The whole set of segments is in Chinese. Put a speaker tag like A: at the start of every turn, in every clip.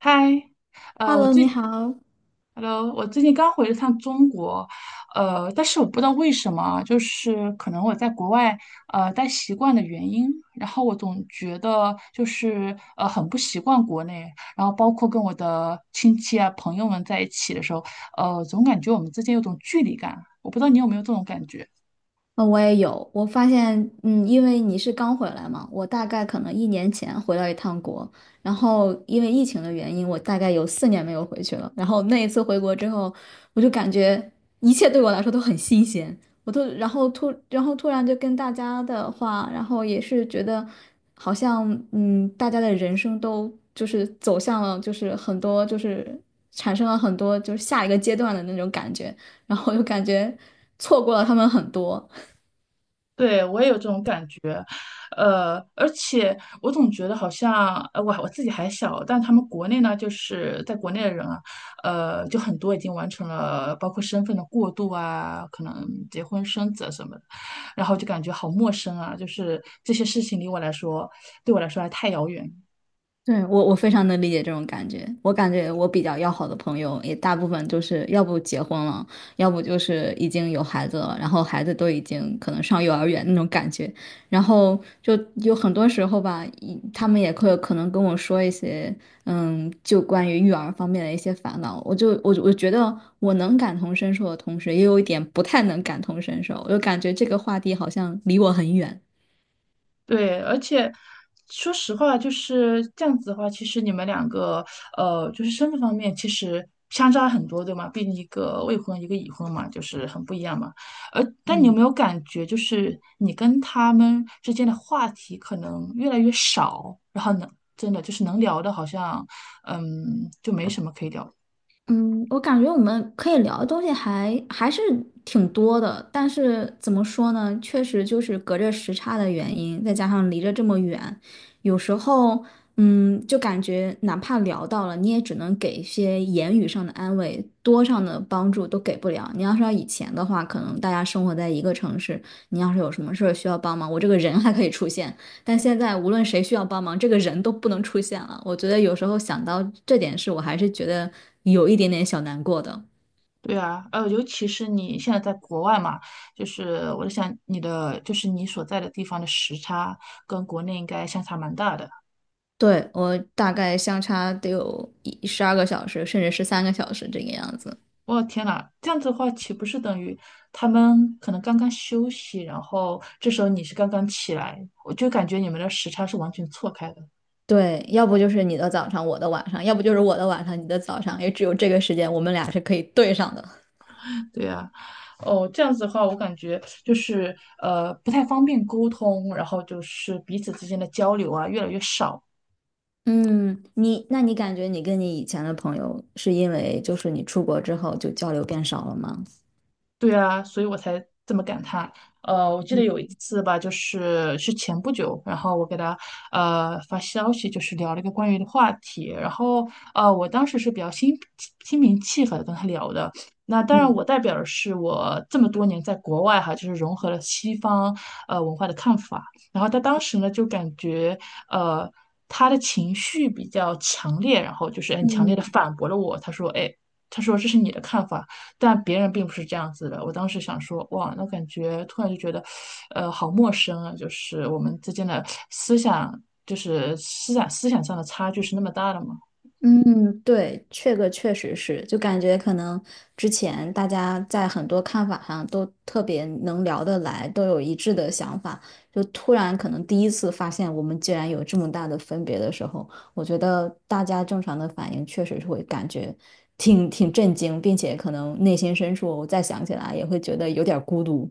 A: 嗨，呃，我
B: Hello，
A: 最
B: 你好。
A: ，Hello，我最近刚回了趟中国。但是我不知道为什么啊，就是可能我在国外待习惯的原因，然后我总觉得就是很不习惯国内，然后包括跟我的亲戚啊朋友们在一起的时候，总感觉我们之间有种距离感，我不知道你有没有这种感觉。
B: 我也有，我发现，因为你是刚回来嘛，我大概可能一年前回到一趟国，然后因为疫情的原因，我大概有四年没有回去了。然后那一次回国之后，我就感觉一切对我来说都很新鲜，然后突然就跟大家的话，然后也是觉得好像，大家的人生都就是走向了，就是很多就是产生了很多就是下一个阶段的那种感觉，然后就感觉错过了他们很多。
A: 对，我也有这种感觉。而且我总觉得好像，我自己还小，但他们国内呢，就是在国内的人啊，就很多已经完成了包括身份的过渡啊，可能结婚生子啊什么的，然后就感觉好陌生啊，就是这些事情离我来说，对我来说还太遥远。
B: 对，我非常能理解这种感觉。我感觉我比较要好的朋友也大部分就是要不结婚了，要不就是已经有孩子了，然后孩子都已经可能上幼儿园那种感觉。然后就有很多时候吧，他们也会可能跟我说一些，就关于育儿方面的一些烦恼。我觉得我能感同身受的同时，也有一点不太能感同身受。我就感觉这个话题好像离我很远。
A: 对，而且说实话，就是这样子的话，其实你们两个，就是身份方面，其实相差很多，对吗？毕竟一个未婚，一个已婚嘛，就是很不一样嘛。而但你有
B: 嗯。
A: 没有感觉，就是你跟他们之间的话题可能越来越少，然后呢，真的就是能聊的，好像，就没什么可以聊。
B: 嗯，我感觉我们可以聊的东西还是挺多的，但是怎么说呢，确实就是隔着时差的原因，再加上离着这么远，有时候，就感觉哪怕聊到了，你也只能给一些言语上的安慰，多上的帮助都给不了。你要说以前的话，可能大家生活在一个城市，你要是有什么事儿需要帮忙，我这个人还可以出现，但现在无论谁需要帮忙，这个人都不能出现了。我觉得有时候想到这点事，我还是觉得有一点点小难过的。
A: 对啊，尤其是你现在在国外嘛，就是我在想你的，就是你所在的地方的时差跟国内应该相差蛮大的。
B: 对，我大概相差得有12个小时，甚至13个小时这个样子。
A: 我天呐，这样子的话，岂不是等于他们可能刚刚休息，然后这时候你是刚刚起来，我就感觉你们的时差是完全错开的。
B: 对，要不就是你的早上，我的晚上；要不就是我的晚上，你的早上。也只有这个时间，我们俩是可以对上的。
A: 对呀，哦，这样子的话，我感觉就是不太方便沟通，然后就是彼此之间的交流啊越来越少。
B: 嗯，那你感觉你跟你以前的朋友，是因为就是你出国之后就交流变少了吗？
A: 对啊，所以我才这么感叹。我记得有一次吧，就是前不久，然后我给他发消息，就是聊了一个关于的话题，然后我当时是比较心平气和的跟他聊的。那当然，
B: 嗯
A: 我代表的是我这么多年在国外哈，就是融合了西方文化的看法。然后他当时呢，就感觉呃他的情绪比较强烈，然后就是很强烈的
B: 嗯，
A: 反驳了我。他说："哎，他说这是你的看法。"但别人并不是这样子的。我当时想说，哇，那感觉突然就觉得，好陌生啊！就是我们之间的思想，就是思想上的差距是那么大的吗？
B: 嗯，对，这个确实是，就感觉可能之前大家在很多看法上都特别能聊得来，都有一致的想法，就突然可能第一次发现我们竟然有这么大的分别的时候，我觉得大家正常的反应确实是会感觉挺震惊，并且可能内心深处再想起来也会觉得有点儿孤独。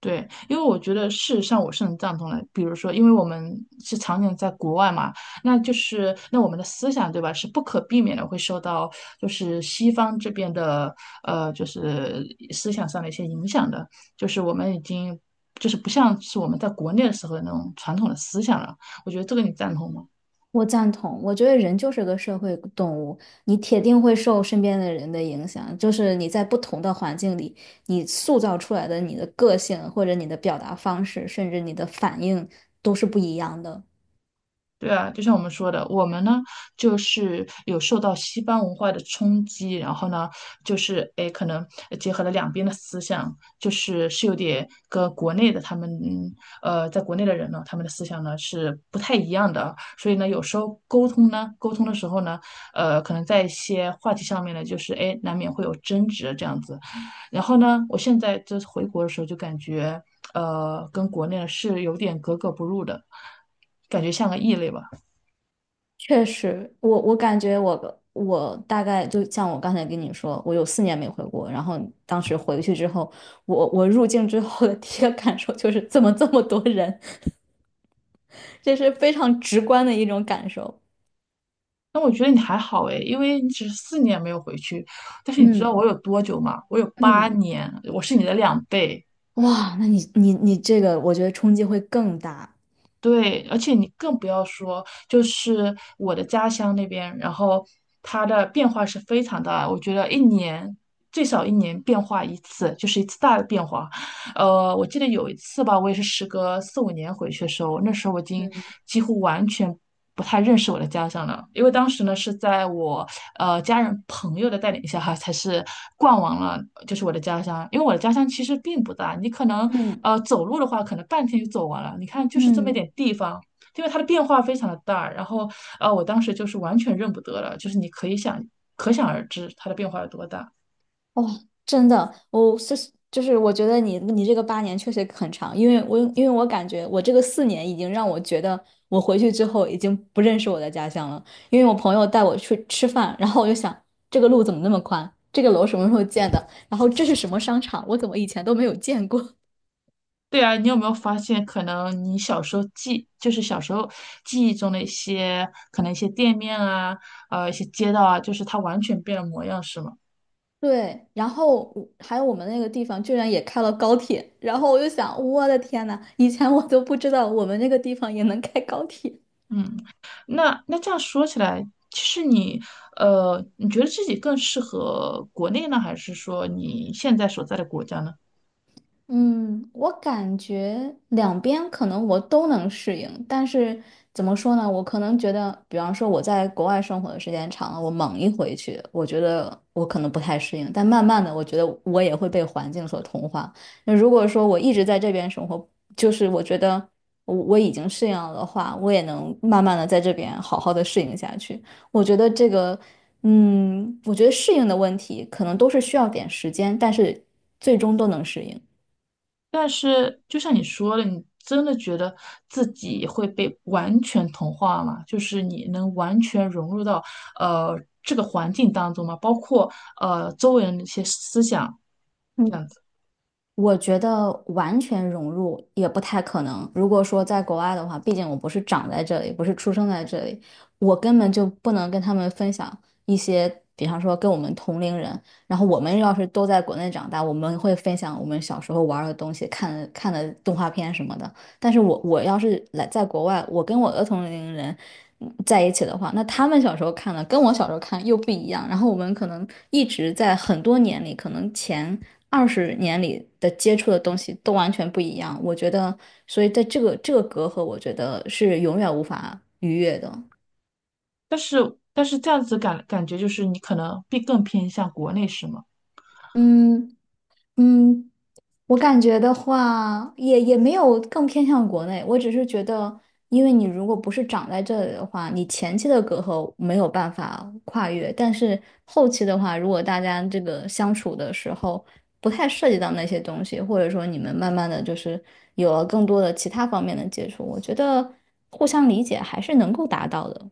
A: 对，因为我觉得事实上我是很赞同的。比如说，因为我们是常年在国外嘛，那就是那我们的思想对吧，是不可避免的会受到就是西方这边的就是思想上的一些影响的。就是我们已经就是不像是我们在国内的时候的那种传统的思想了。我觉得这个你赞同吗？
B: 我赞同，我觉得人就是个社会动物，你铁定会受身边的人的影响。就是你在不同的环境里，你塑造出来的你的个性，或者你的表达方式，甚至你的反应，都是不一样的。
A: 对啊，就像我们说的，我们呢就是有受到西方文化的冲击，然后呢就是诶，可能结合了两边的思想，就是有点跟国内的他们在国内的人呢，他们的思想呢是不太一样的，所以呢有时候沟通呢，沟通的时候呢，可能在一些话题上面呢，就是诶，难免会有争执这样子。然后呢，我现在就是回国的时候就感觉跟国内是有点格格不入的，感觉像个异类吧。
B: 确实，我感觉我大概就像我刚才跟你说，我有四年没回国，然后当时回去之后，我入境之后的第一个感受就是怎么这么多人，这是非常直观的一种感受。
A: 那我觉得你还好诶，因为你只是4年没有回去，但是你知道
B: 嗯
A: 我有多久吗？我有八
B: 嗯。
A: 年，我是你的2倍。
B: 哇，那你这个，我觉得冲击会更大。
A: 对，而且你更不要说，就是我的家乡那边，然后它的变化是非常大的。我觉得一年最少一年变化一次，就是一次大的变化。我记得有一次吧，我也是时隔四五年回去的时候，那时候我已经几乎完全不太认识我的家乡了，因为当时呢是在我家人朋友的带领下哈，才是逛完了就是我的家乡，因为我的家乡其实并不大，你可能
B: 嗯
A: 走路的话可能半天就走完了，你看就是这么一
B: 嗯
A: 点地方，因为它的变化非常的大，然后我当时就是完全认不得了，就是你可以可想而知它的变化有多大。
B: 哇，真的，我就是,我觉得你这个8年确实很长，因为我感觉我这个四年已经让我觉得我回去之后已经不认识我的家乡了，因为我朋友带我去吃饭，然后我就想这个路怎么那么宽，这个楼什么时候建的，然后这是什么商场，我怎么以前都没有见过。
A: 对啊，你有没有发现，可能你小时候记，就是小时候记忆中的一些，可能一些店面啊，一些街道啊，就是它完全变了模样，是吗？
B: 对，然后我还有我们那个地方居然也开了高铁，然后我就想，我的天呐，以前我都不知道我们那个地方也能开高铁。
A: 嗯，那这样说起来，其实你，你觉得自己更适合国内呢，还是说你现在所在的国家呢？
B: 嗯，我感觉两边可能我都能适应，但是怎么说呢？我可能觉得，比方说我在国外生活的时间长了，我猛一回去，我觉得我可能不太适应。但慢慢的，我觉得我也会被环境所同化。那如果说我一直在这边生活，就是我觉得我已经适应了的话，我也能慢慢的在这边好好的适应下去。我觉得这个，我觉得适应的问题可能都是需要点时间，但是最终都能适应。
A: 但是就像你说的，你真的觉得自己会被完全同化吗？就是你能完全融入到呃这个环境当中吗？包括周围人的一些思想这
B: 嗯，
A: 样子。
B: 我觉得完全融入也不太可能。如果说在国外的话，毕竟我不是长在这里，不是出生在这里，我根本就不能跟他们分享一些，比方说跟我们同龄人。然后我们要是都在国内长大，我们会分享我们小时候玩儿的东西、看的动画片什么的。但是我要是来在国外，我跟我的同龄人在一起的话，那他们小时候看的跟我小时候看又不一样。然后我们可能一直在很多年里，可能前。20年里的接触的东西都完全不一样。我觉得，所以在这个隔阂，我觉得是永远无法逾越的。
A: 但是这样子感觉就是你可能并更偏向国内是吗？
B: 嗯，嗯，我感觉的话，也没有更偏向国内。我只是觉得，因为你如果不是长在这里的话，你前期的隔阂没有办法跨越。但是后期的话，如果大家这个相处的时候不太涉及到那些东西，或者说你们慢慢的就是有了更多的其他方面的接触，我觉得互相理解还是能够达到的。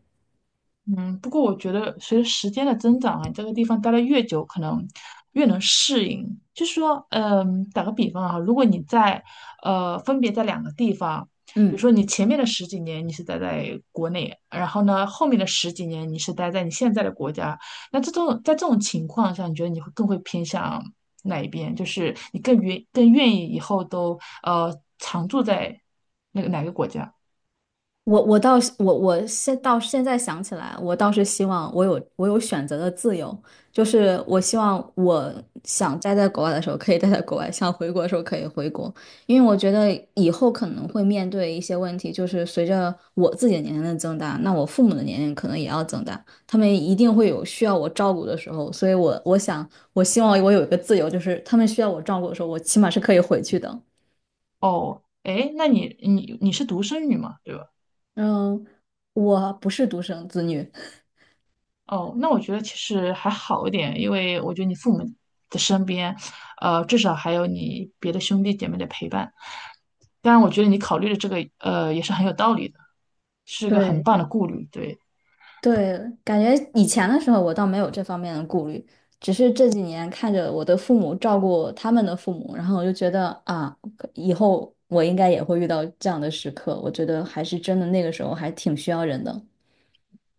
A: 嗯，不过我觉得随着时间的增长啊，你在这个地方待得越久，可能越能适应。就是说，打个比方啊，如果你在分别在两个地方，比如
B: 嗯。
A: 说你前面的十几年你是待在国内，然后呢后面的十几年你是待在你现在的国家，那在这种情况下，你觉得你会更会偏向哪一边？就是你更愿意以后都常住在哪个国家？
B: 我倒是我现在想起来，我倒是希望我有选择的自由，就是我希望我想待在国外的时候可以待在国外，想回国的时候可以回国，因为我觉得以后可能会面对一些问题，就是随着我自己的年龄的增大，那我父母的年龄可能也要增大，他们一定会有需要我照顾的时候，所以我希望我有一个自由，就是他们需要我照顾的时候，我起码是可以回去的。
A: 哦，诶，那你是独生女嘛，对吧？
B: 嗯，我不是独生子女。
A: 哦，那我觉得其实还好一点，因为我觉得你父母的身边，至少还有你别的兄弟姐妹的陪伴。当然，我觉得你考虑的这个，也是很有道理的，是个很
B: 对，
A: 棒的顾虑。对，
B: 对，感觉以前的时候我倒没有这方面的顾虑，只是这几年看着我的父母照顾他们的父母，然后我就觉得啊，以后我应该也会遇到这样的时刻。我觉得还是真的那个时候还挺需要人的。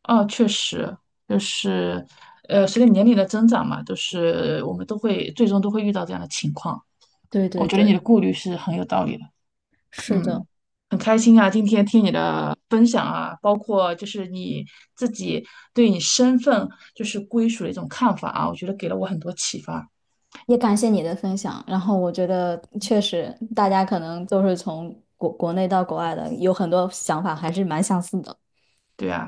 A: 哦，确实，就是，随着年龄的增长嘛，就是我们都会最终都会遇到这样的情况。
B: 对
A: 我
B: 对
A: 觉得你的
B: 对，
A: 顾虑是很有道理的。
B: 是的，
A: 嗯，很开心啊，今天听你的分享啊，包括就是你自己对你身份就是归属的一种看法啊，我觉得给了我很多启发。
B: 也感谢你的分享。然后我觉得确实大家可能都是从国内到国外的，有很多想法还是蛮相似的。
A: 对啊，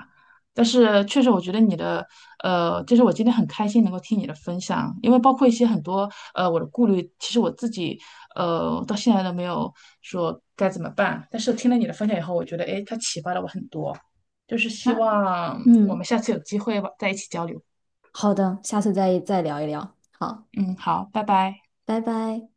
A: 但是确实我觉得你的就是我今天很开心能够听你的分享，因为包括一些很多我的顾虑，其实我自己到现在都没有说该怎么办，但是听了你的分享以后，我觉得诶，它启发了我很多，就是希
B: 那
A: 望我们
B: 嗯，
A: 下次有机会吧，再一起交流。
B: 好的，下次再聊一聊。好，
A: 嗯，好，拜拜。
B: 拜拜。